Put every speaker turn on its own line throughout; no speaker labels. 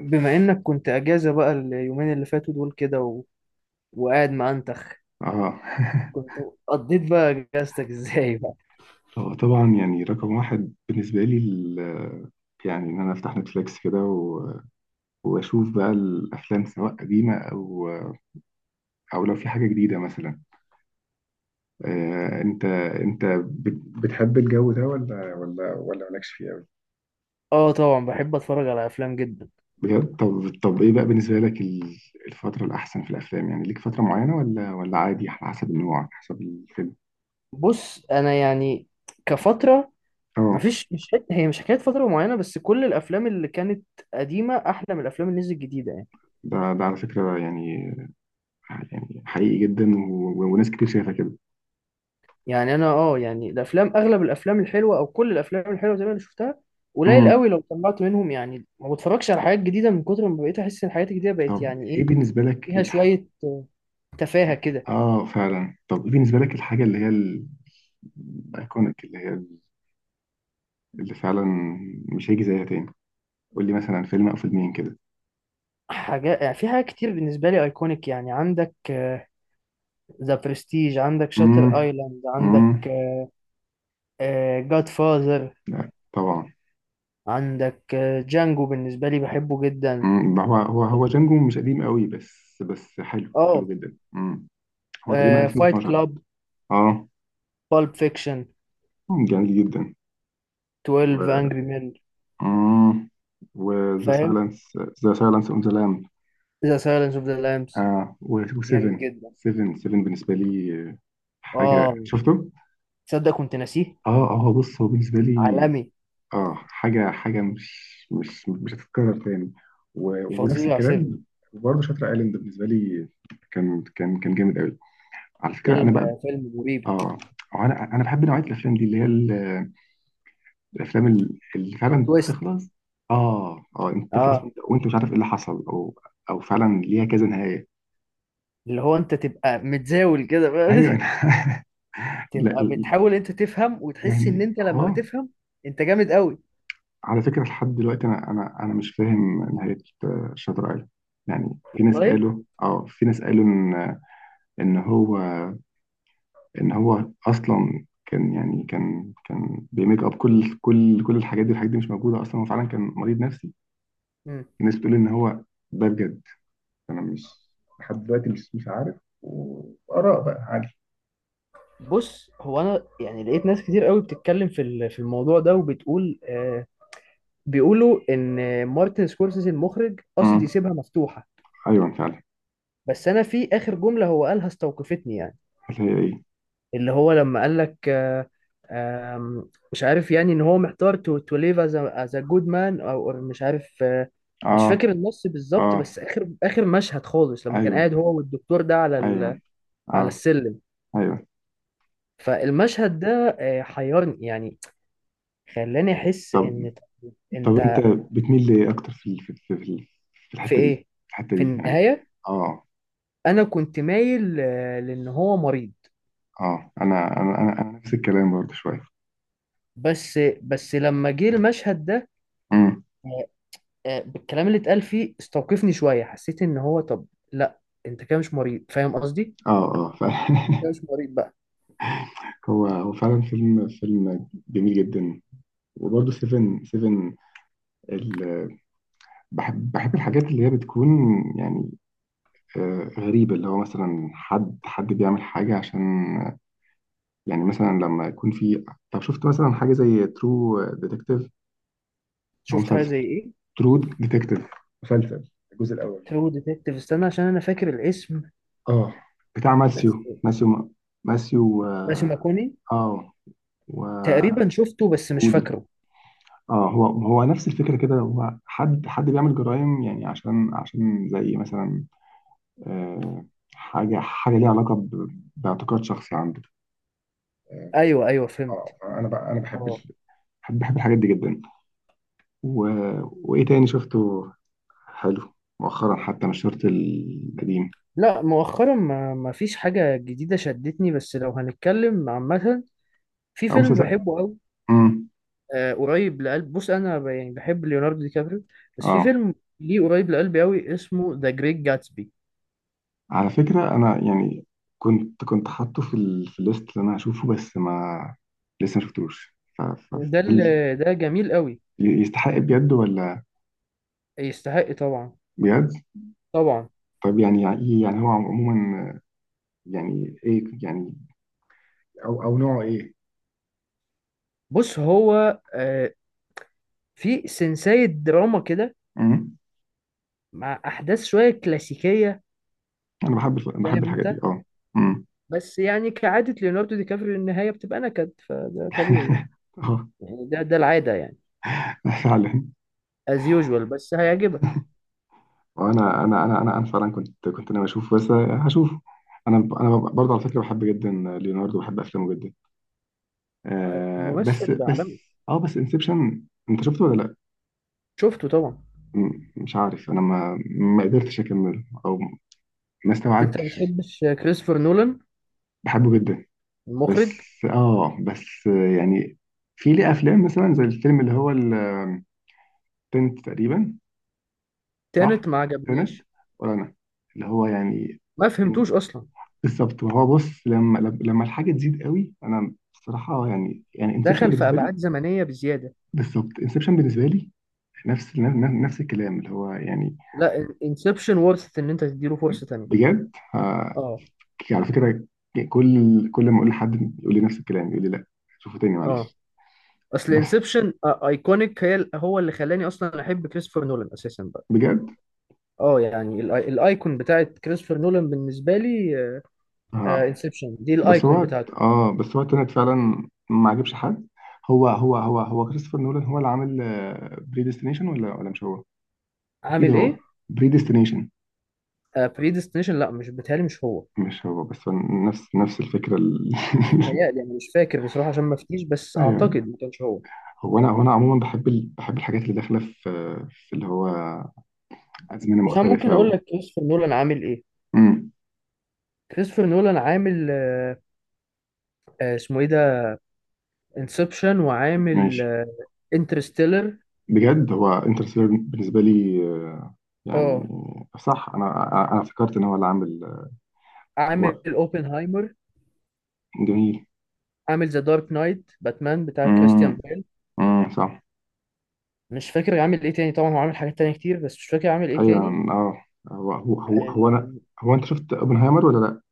بما انك كنت اجازة بقى اليومين اللي فاتوا دول كده و... وقاعد معنتخ
اه
كنت قضيت بقى اجازتك ازاي بقى؟
هو طبعا يعني رقم واحد بالنسبة لي يعني إن أنا أفتح نتفليكس كده وأشوف بقى الأفلام، سواء قديمة أو لو في حاجة جديدة مثلا. أنت بتحب الجو ده ولا مالكش فيه أوي؟
اه طبعا، بحب اتفرج على افلام جدا.
بجد. طب إيه بقى بالنسبة لك الفترة الأحسن في الأفلام؟ يعني ليك فترة معينة ولا عادي على حسب النوع، على حسب الفيلم؟
بص، انا يعني كفترة
أه.
مفيش مش حت... هي مش حكاية فترة معينة، بس كل الافلام اللي كانت قديمة احلى من الافلام اللي نزلت جديدة يعني.
ده على فكرة يعني، يعني حقيقي جدا وناس كتير شايفة
يعني انا، اه، يعني الافلام، اغلب الافلام الحلوة او كل الافلام الحلوة زي ما انا شفتها، قليل
كده.
قوي لو طلعت منهم، يعني ما بتفرجش على حاجات جديدة من كتر ما بقيت احس ان الحاجات الجديدة بقت
طب
يعني
ايه
ايه،
بالنسبة لك
فيها
الحاجة؟
شوية تفاهة كده.
اه فعلا. طب ايه بالنسبة لك الحاجة اللي هي الايكونيك، اللي هي اللي فعلا مش هيجي زيها تاني؟ قول لي مثلا فيلم او فيلمين كده.
حاجات يعني، في حاجات كتير بالنسبة لي ايكونيك. يعني عندك ذا برستيج، عندك شاتر
امم
ايلاند، عندك
امم.
جاد فاذر،
لا طبعا.
عندك جانجو، بالنسبة لي بحبه جدا.
امم. هو جانجو مش قديم قوي، بس حلو حلو
اه،
جدا. امم. هو تقريبا
فايت
2012.
كلاب،
اه.
بالب فيكشن،
جميل جدا.
12
و
انجري مان،
امم وذا
فاهم،
سايلنس. ذا سايلنس اون ذا لام.
ذا سايلنس اوف ذا لامبس،
اه. و7،
جامد
7،
جدا.
7 بالنسبة لي حاجة.
اه،
شفته؟
تصدق كنت ناسيه،
اه، اه. هو بص، هو بالنسبة لي
عالمي،
اه حاجة، حاجة مش هتتكرر تاني. ونفس
فظيع 7.
الكلام. برضه شاتر ايلاند بالنسبة لي كان جامد قوي. على فكرة
فيلم
انا بقى
آه، فيلم مريب،
اه، هو انا بحب نوعية الافلام دي، اللي هي الافلام اللي فعلا
تويست.
تخلص. اه اه، انت تخلص
اه،
وانت مش عارف ايه اللي حصل، او او فعلا ليها كذا نهاية.
اللي هو انت تبقى متزاول كده
ايوه
بقى.
لا،
تبقى بتحاول انت تفهم، وتحس ان
يعني
انت لما
اه،
تفهم انت جامد قوي.
على فكرة لحد دلوقتي أنا مش فاهم نهاية شاتر أيلاند. يعني في ناس
والله.
قالوا، في ناس قالوا إن... إن هو، إن هو أصلا كان يعني كان بيميك أب كل الحاجات دي. الحاجات دي مش موجودة أصلا، هو فعلا كان مريض نفسي.
مم.
في ناس بتقول إن هو... ده بجد أنا مش... لحد دلوقتي مش عارف، وآراء بقى عادي.
بص، هو انا يعني لقيت ناس كتير قوي بتتكلم في الموضوع ده، وبتقول آه، بيقولوا ان مارتن سكورسيزي المخرج قصد
امم.
يسيبها مفتوحة،
أيوه فعلا.
بس انا في اخر جملة هو قالها استوقفتني يعني.
اللي هي إيه؟
اللي هو لما قال لك آه، آم، مش عارف، يعني ان هو محتار، تو ليف از ا جود مان او، مش عارف آه، مش
أه
فاكر النص بالظبط.
أه
بس اخر اخر مشهد خالص لما كان
أيوه
قاعد هو والدكتور ده على ال...
أيوه
على
أه.
السلم،
أيوه.
فالمشهد ده آه، حيرني يعني، خلاني احس
طب
ان
طب انت
انت...
بتميل لإيه أكتر في في في
في
الحتة دي؟
ايه؟
في الحتة
في
دي يعني.
النهاية
اه،
انا كنت مايل آه، لان هو مريض،
اه. أنا نفس الكلام برضه شوية.
بس لما جه المشهد ده
امم.
آه، آه، بالكلام اللي اتقال فيه استوقفني شوية، حسيت ان هو طب لا، انت كده مش مريض، فاهم قصدي؟
اه اه
انت كده مش مريض بقى.
هو فعلا فيلم جميل جدا. وبرضه سيفن، سيفن ال... بحب الحاجات اللي هي بتكون يعني غريبة، اللي هو مثلا حد، حد بيعمل حاجة عشان... يعني مثلا لما يكون في... طب، شفت مثلا حاجة زي ترو ديتكتيف، أو
شفت حاجة
مسلسل
زي ايه؟
ترو ديتكتيف؟ مسلسل الجزء الأول.
ترو ديتكتيف، استنى عشان انا فاكر الاسم،
اه، بتاع ماسيو.
بس
ماسيو. ماسيو،
ماشي
اه.
ماكوني،
آه، وهودي.
تقريبا شفته بس مش فاكره.
اه، هو نفس الفكره كده. هو حد بيعمل جرائم يعني عشان زي مثلا آه حاجه، حاجه ليها علاقه باعتقاد شخصي عنده.
ايوه ايوه
اه
فهمت.
انا بقى، انا بحب
اه
بحب الحاجات دي جدا. و... وايه تاني شفته حلو مؤخرا؟ حتى مش شرط القديم.
لا، مؤخرا ما فيش حاجة جديدة شدتني، بس لو هنتكلم عامة، في
او
فيلم
مسلسل.
بحبه أوي
امم.
آه، قريب لقلب. بص، أنا يعني بحب ليوناردو دي كابريو، بس في
اه،
فيلم ليه قريب لقلبي أوي، اسمه ذا جريت جاتسبي.
على فكرة أنا يعني كنت حاطه في في الليست اللي أنا هشوفه، بس ما لسه ما شفتوش
وده
هل
ده جميل أوي.
يستحق بجد ولا؟
يستحق طبعا.
بجد؟
طبعا.
طب يعني، يعني إيه؟ يعني هو عموما يعني إيه يعني؟ أو نوعه إيه؟
بص، هو آه، في سنساية دراما كده
أمم.
مع أحداث شوية كلاسيكية،
أنا بحب بحب
فاهم
الحاجات
أنت.
دي أه. أمم.
بس يعني كعادة ليوناردو دي كابريو، النهاية بتبقى نكد، فده طبيعي يعني،
أه
يعني ده العادة يعني،
فعلا.
از يوجوال، بس هيعجبك.
وأنا أنا فعلا كنت ناوي أشوفه بس هشوفه. أنا برضه على فكرة بحب جدا ليوناردو، بحب أفلامه جدا. آه بس
ممثل
بس
عالمي.
اه بس انسبشن، انت شفته ولا لا؟
شفته طبعا.
مش عارف، انا ما قدرتش اكمله او ما
انت ما
استوعبتش.
بتحبش كريستوفر نولان
بحبه جدا، بس
المخرج؟
اه بس يعني في ليه افلام مثلا زي الفيلم اللي هو التنت تقريبا، صح؟
تانت ما
تنت،
عجبنيش،
ولا انا اللي هو يعني...
ما
إن-
فهمتوش اصلا،
بالظبط. وهو بص، لما الحاجه تزيد قوي انا بصراحه يعني انسبشن
دخل في
بالنسبه لي.
ابعاد زمنيه بزياده.
بالظبط انسبشن بالنسبه لي، نفس، نفس الكلام اللي هو يعني...
لا، انسبشن ورثت ان انت تديله فرصه تانية.
بجد
اه
على فكرة، كل ما اقول لحد يقول لي نفس الكلام، يقول لي لا، شوفه تاني
اه.
معلش.
اصل
بس
انسبشن ايكونيك، هو اللي خلاني اصلا احب كريستوفر نولان اساسا بقى.
بجد.
اه، يعني الايكون بتاعت كريستوفر نولان بالنسبه لي
اه
انسبشن، دي
بس
الايكون
هو،
بتاعته.
اه بس هو تنت فعلا ما عجبش حد. هو كريستوفر نولان هو اللي عامل بريديستنيشن ولا مش هو؟ اكيد
عامل
هو.
ايه؟
بريديستنيشن،
بريديستنيشن؟ لا مش بتهيألي مش هو.
مش هو؟ بس هو نفس الفكرة
بيتهيألي أنا مش فاكر بصراحة عشان ما أفتيش، بس أعتقد
ايوه.
ما كانش هو.
هو انا عموما بحب بحب الحاجات اللي داخلة في في اللي هو أزمنة
بس أنا
مختلفة
ممكن أقول لك كريستوفر نولان عامل إيه.
مم.
كريستوفر نولان عامل آه، آه، اسمه إيه ده، انسبشن، وعامل
ماشي.
انترستيلر.
بجد هو انترستيلر بالنسبه لي يعني،
اه،
صح. انا أنا فكرت ان هو اللي عامل.
عامل
هو،
اوبنهايمر،
جميل.
عامل ذا دارك نايت، باتمان بتاع
امم
كريستيان بيل.
امم. صح.
مش فاكر عامل ايه تاني، طبعا هو عامل حاجات تانية كتير، بس مش فاكر عامل ايه
ايوه.
تاني.
اه. هو انا،
آه،
هو انت شفت اوبنهايمر ولا لا؟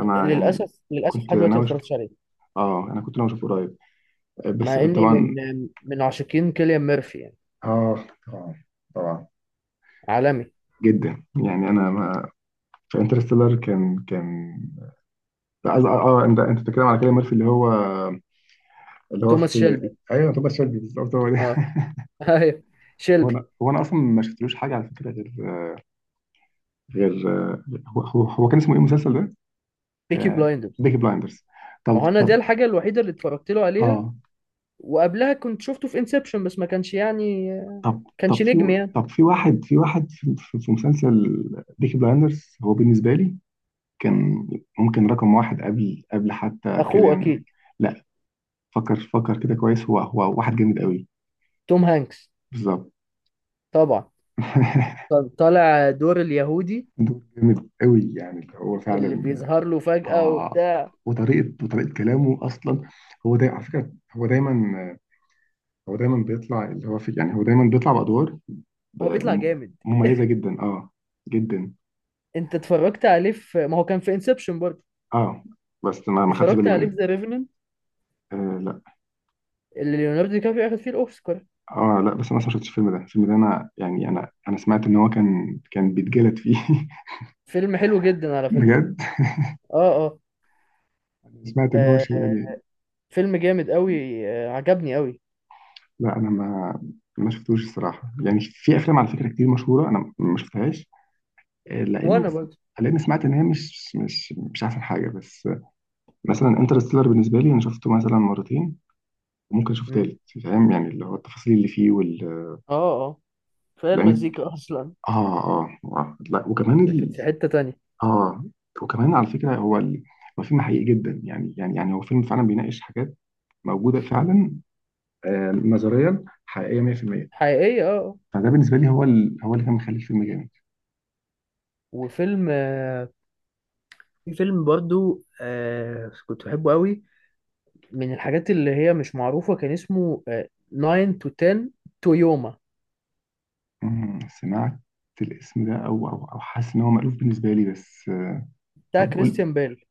انا يعني
للاسف للاسف
كنت
لحد دلوقتي
ناوي
ما
اشوف.
اتفرجتش عليه،
اه انا كنت ناوي اشوفه قريب بس
مع اني
طبعا.
من من عاشقين كيليان ميرفي يعني،
اه طبعا. طبعا
عالمي.
جدا يعني انا ما... في انترستيلر كان اه انت بتتكلم على كلام ميرفي اللي هو، اللي هو
توماس
في...
شيلبي،
ايوه توماس شيلبي بالظبط، هو ده.
اه، ايوه،
هو
شيلبي.
انا هو انا اصلا ما شفتلوش حاجه على فكره غير، غير... هو كان اسمه ايه المسلسل ده؟
بيكي
آه،
بلايندرز.
بيكي بلايندرز.
ما
طب
هو انا دي
طب
الحاجه الوحيده اللي اتفرجت له عليها،
اه،
وقبلها كنت شفته في انسبشن، بس ما كانش يعني،
طب
كانش
في،
نجم يعني.
طب في واحد، في واحد في، في مسلسل بيكي بلايندرز هو بالنسبه لي كان ممكن رقم واحد، قبل حتى
اخوه؟
كيليان.
اكيد
لا، فكر فكر كده كويس. هو واحد جامد قوي.
توم هانكس.
بالظبط.
طبعا. كان طالع دور اليهودي،
دور جامد قوي يعني، اللي هو
اللي
فعلا
بيظهر له فجأة
آه
وبتاع،
وطريقه، وطريقه كلامه اصلا. هو دايما على فكره، هو دايما، هو دايما بيطلع اللي هو في يعني. هو دايما بيطلع بأدوار ب-
هو بيطلع
م-
جامد.
مميزة جدا، اه جدا.
انت اتفرجت عليه في... ما هو كان في انسبشن برضه،
اه بس ما خدتش
اتفرجت
بالي
عليه في
منها.
ذا ريفننت،
آه لا.
اللي ليوناردو دي كابريو اخد فيه الاوسكار.
اه لا، بس انا أصلاً ما شفتش الفيلم ده. الفيلم ده انا يعني، انا سمعت ان هو كان بيتجلد فيه
فيلم حلو جدا على فكرة.
بجد.
اه اه،
سمعت ان هو
آه،
شيء يعني.
فيلم جامد قوي، آه عجبني قوي.
لا انا ما، ما شفتوش الصراحه. يعني في افلام على فكره كتير مشهوره انا ما شفتهاش لان،
وانا برضه.
لان سمعت ان هي مش احسن حاجه بس مثلا انترستيلر بالنسبه لي انا شفته مثلا مرتين، وممكن اشوف تالت. فاهم يعني، اللي هو التفاصيل اللي فيه وال...
اه اه. فهي
لانك
المزيكا اصلا
اه، اه، آه. لا، وكمان
كانت في حتة تانية.
اه وكمان على فكره هو هو فيلم حقيقي جدا يعني، يعني يعني هو فيلم فعلا بيناقش حاجات موجوده فعلا. آه، نظريا حقيقيه 100%.
حقيقية اه آه.
فده بالنسبه لي هو هو اللي كان مخلي الفيلم جامد.
وفيلم آه، في فيلم برضو آه كنت بحبه قوي، من الحاجات اللي هي مش معروفة، كان اسمه آه 9 to 10 تويوما،
سمعت الاسم ده، او حاسس ان هو مألوف بالنسبه لي بس
بتاع
طب قول،
كريستيان بيل.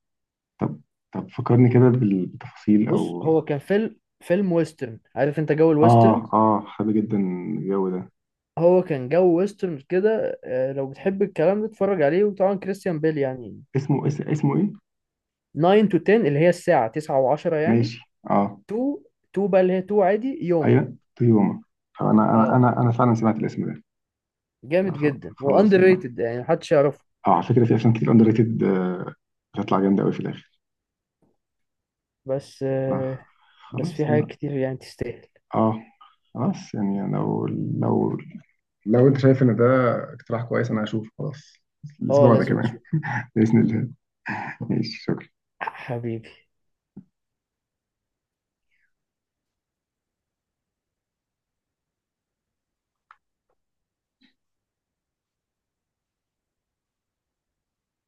طب، طب فكرني كده بالتفاصيل
بص،
او
هو كان فيلم فيلم ويسترن، عارف انت جو الويسترن،
اه، اه، حابب جدا الجو ده.
هو كان جو ويسترن كده آه، لو بتحب الكلام ده اتفرج عليه، وطبعا كريستيان بيل يعني.
اسمه اسمه ايه؟
9 to 10، اللي هي الساعة 9 و10 يعني،
ماشي. اه.
2 2 بقى، اللي هي 2 عادي يوما.
ايوه طيوما. طب انا انا
اه،
انا انا فعلا سمعت الاسم ده. لا،
جامد جدا،
خلاص
واندر
انا
ريتد، يعني محدش يعرفه،
اه، على فكره في افلام كتير اندر ريتد بتطلع جامده قوي في الاخر.
بس
آه
آه، بس
خلاص
في حاجات
انا،
كتير يعني تستاهل.
اه خلاص، يعني لو لو انت شايف ان ده اقتراح كويس انا هشوف خلاص
اه،
الاسبوع ده
لازم
كمان.
تشوف.
باذن الله. ماشي شكرا.
حبيبي.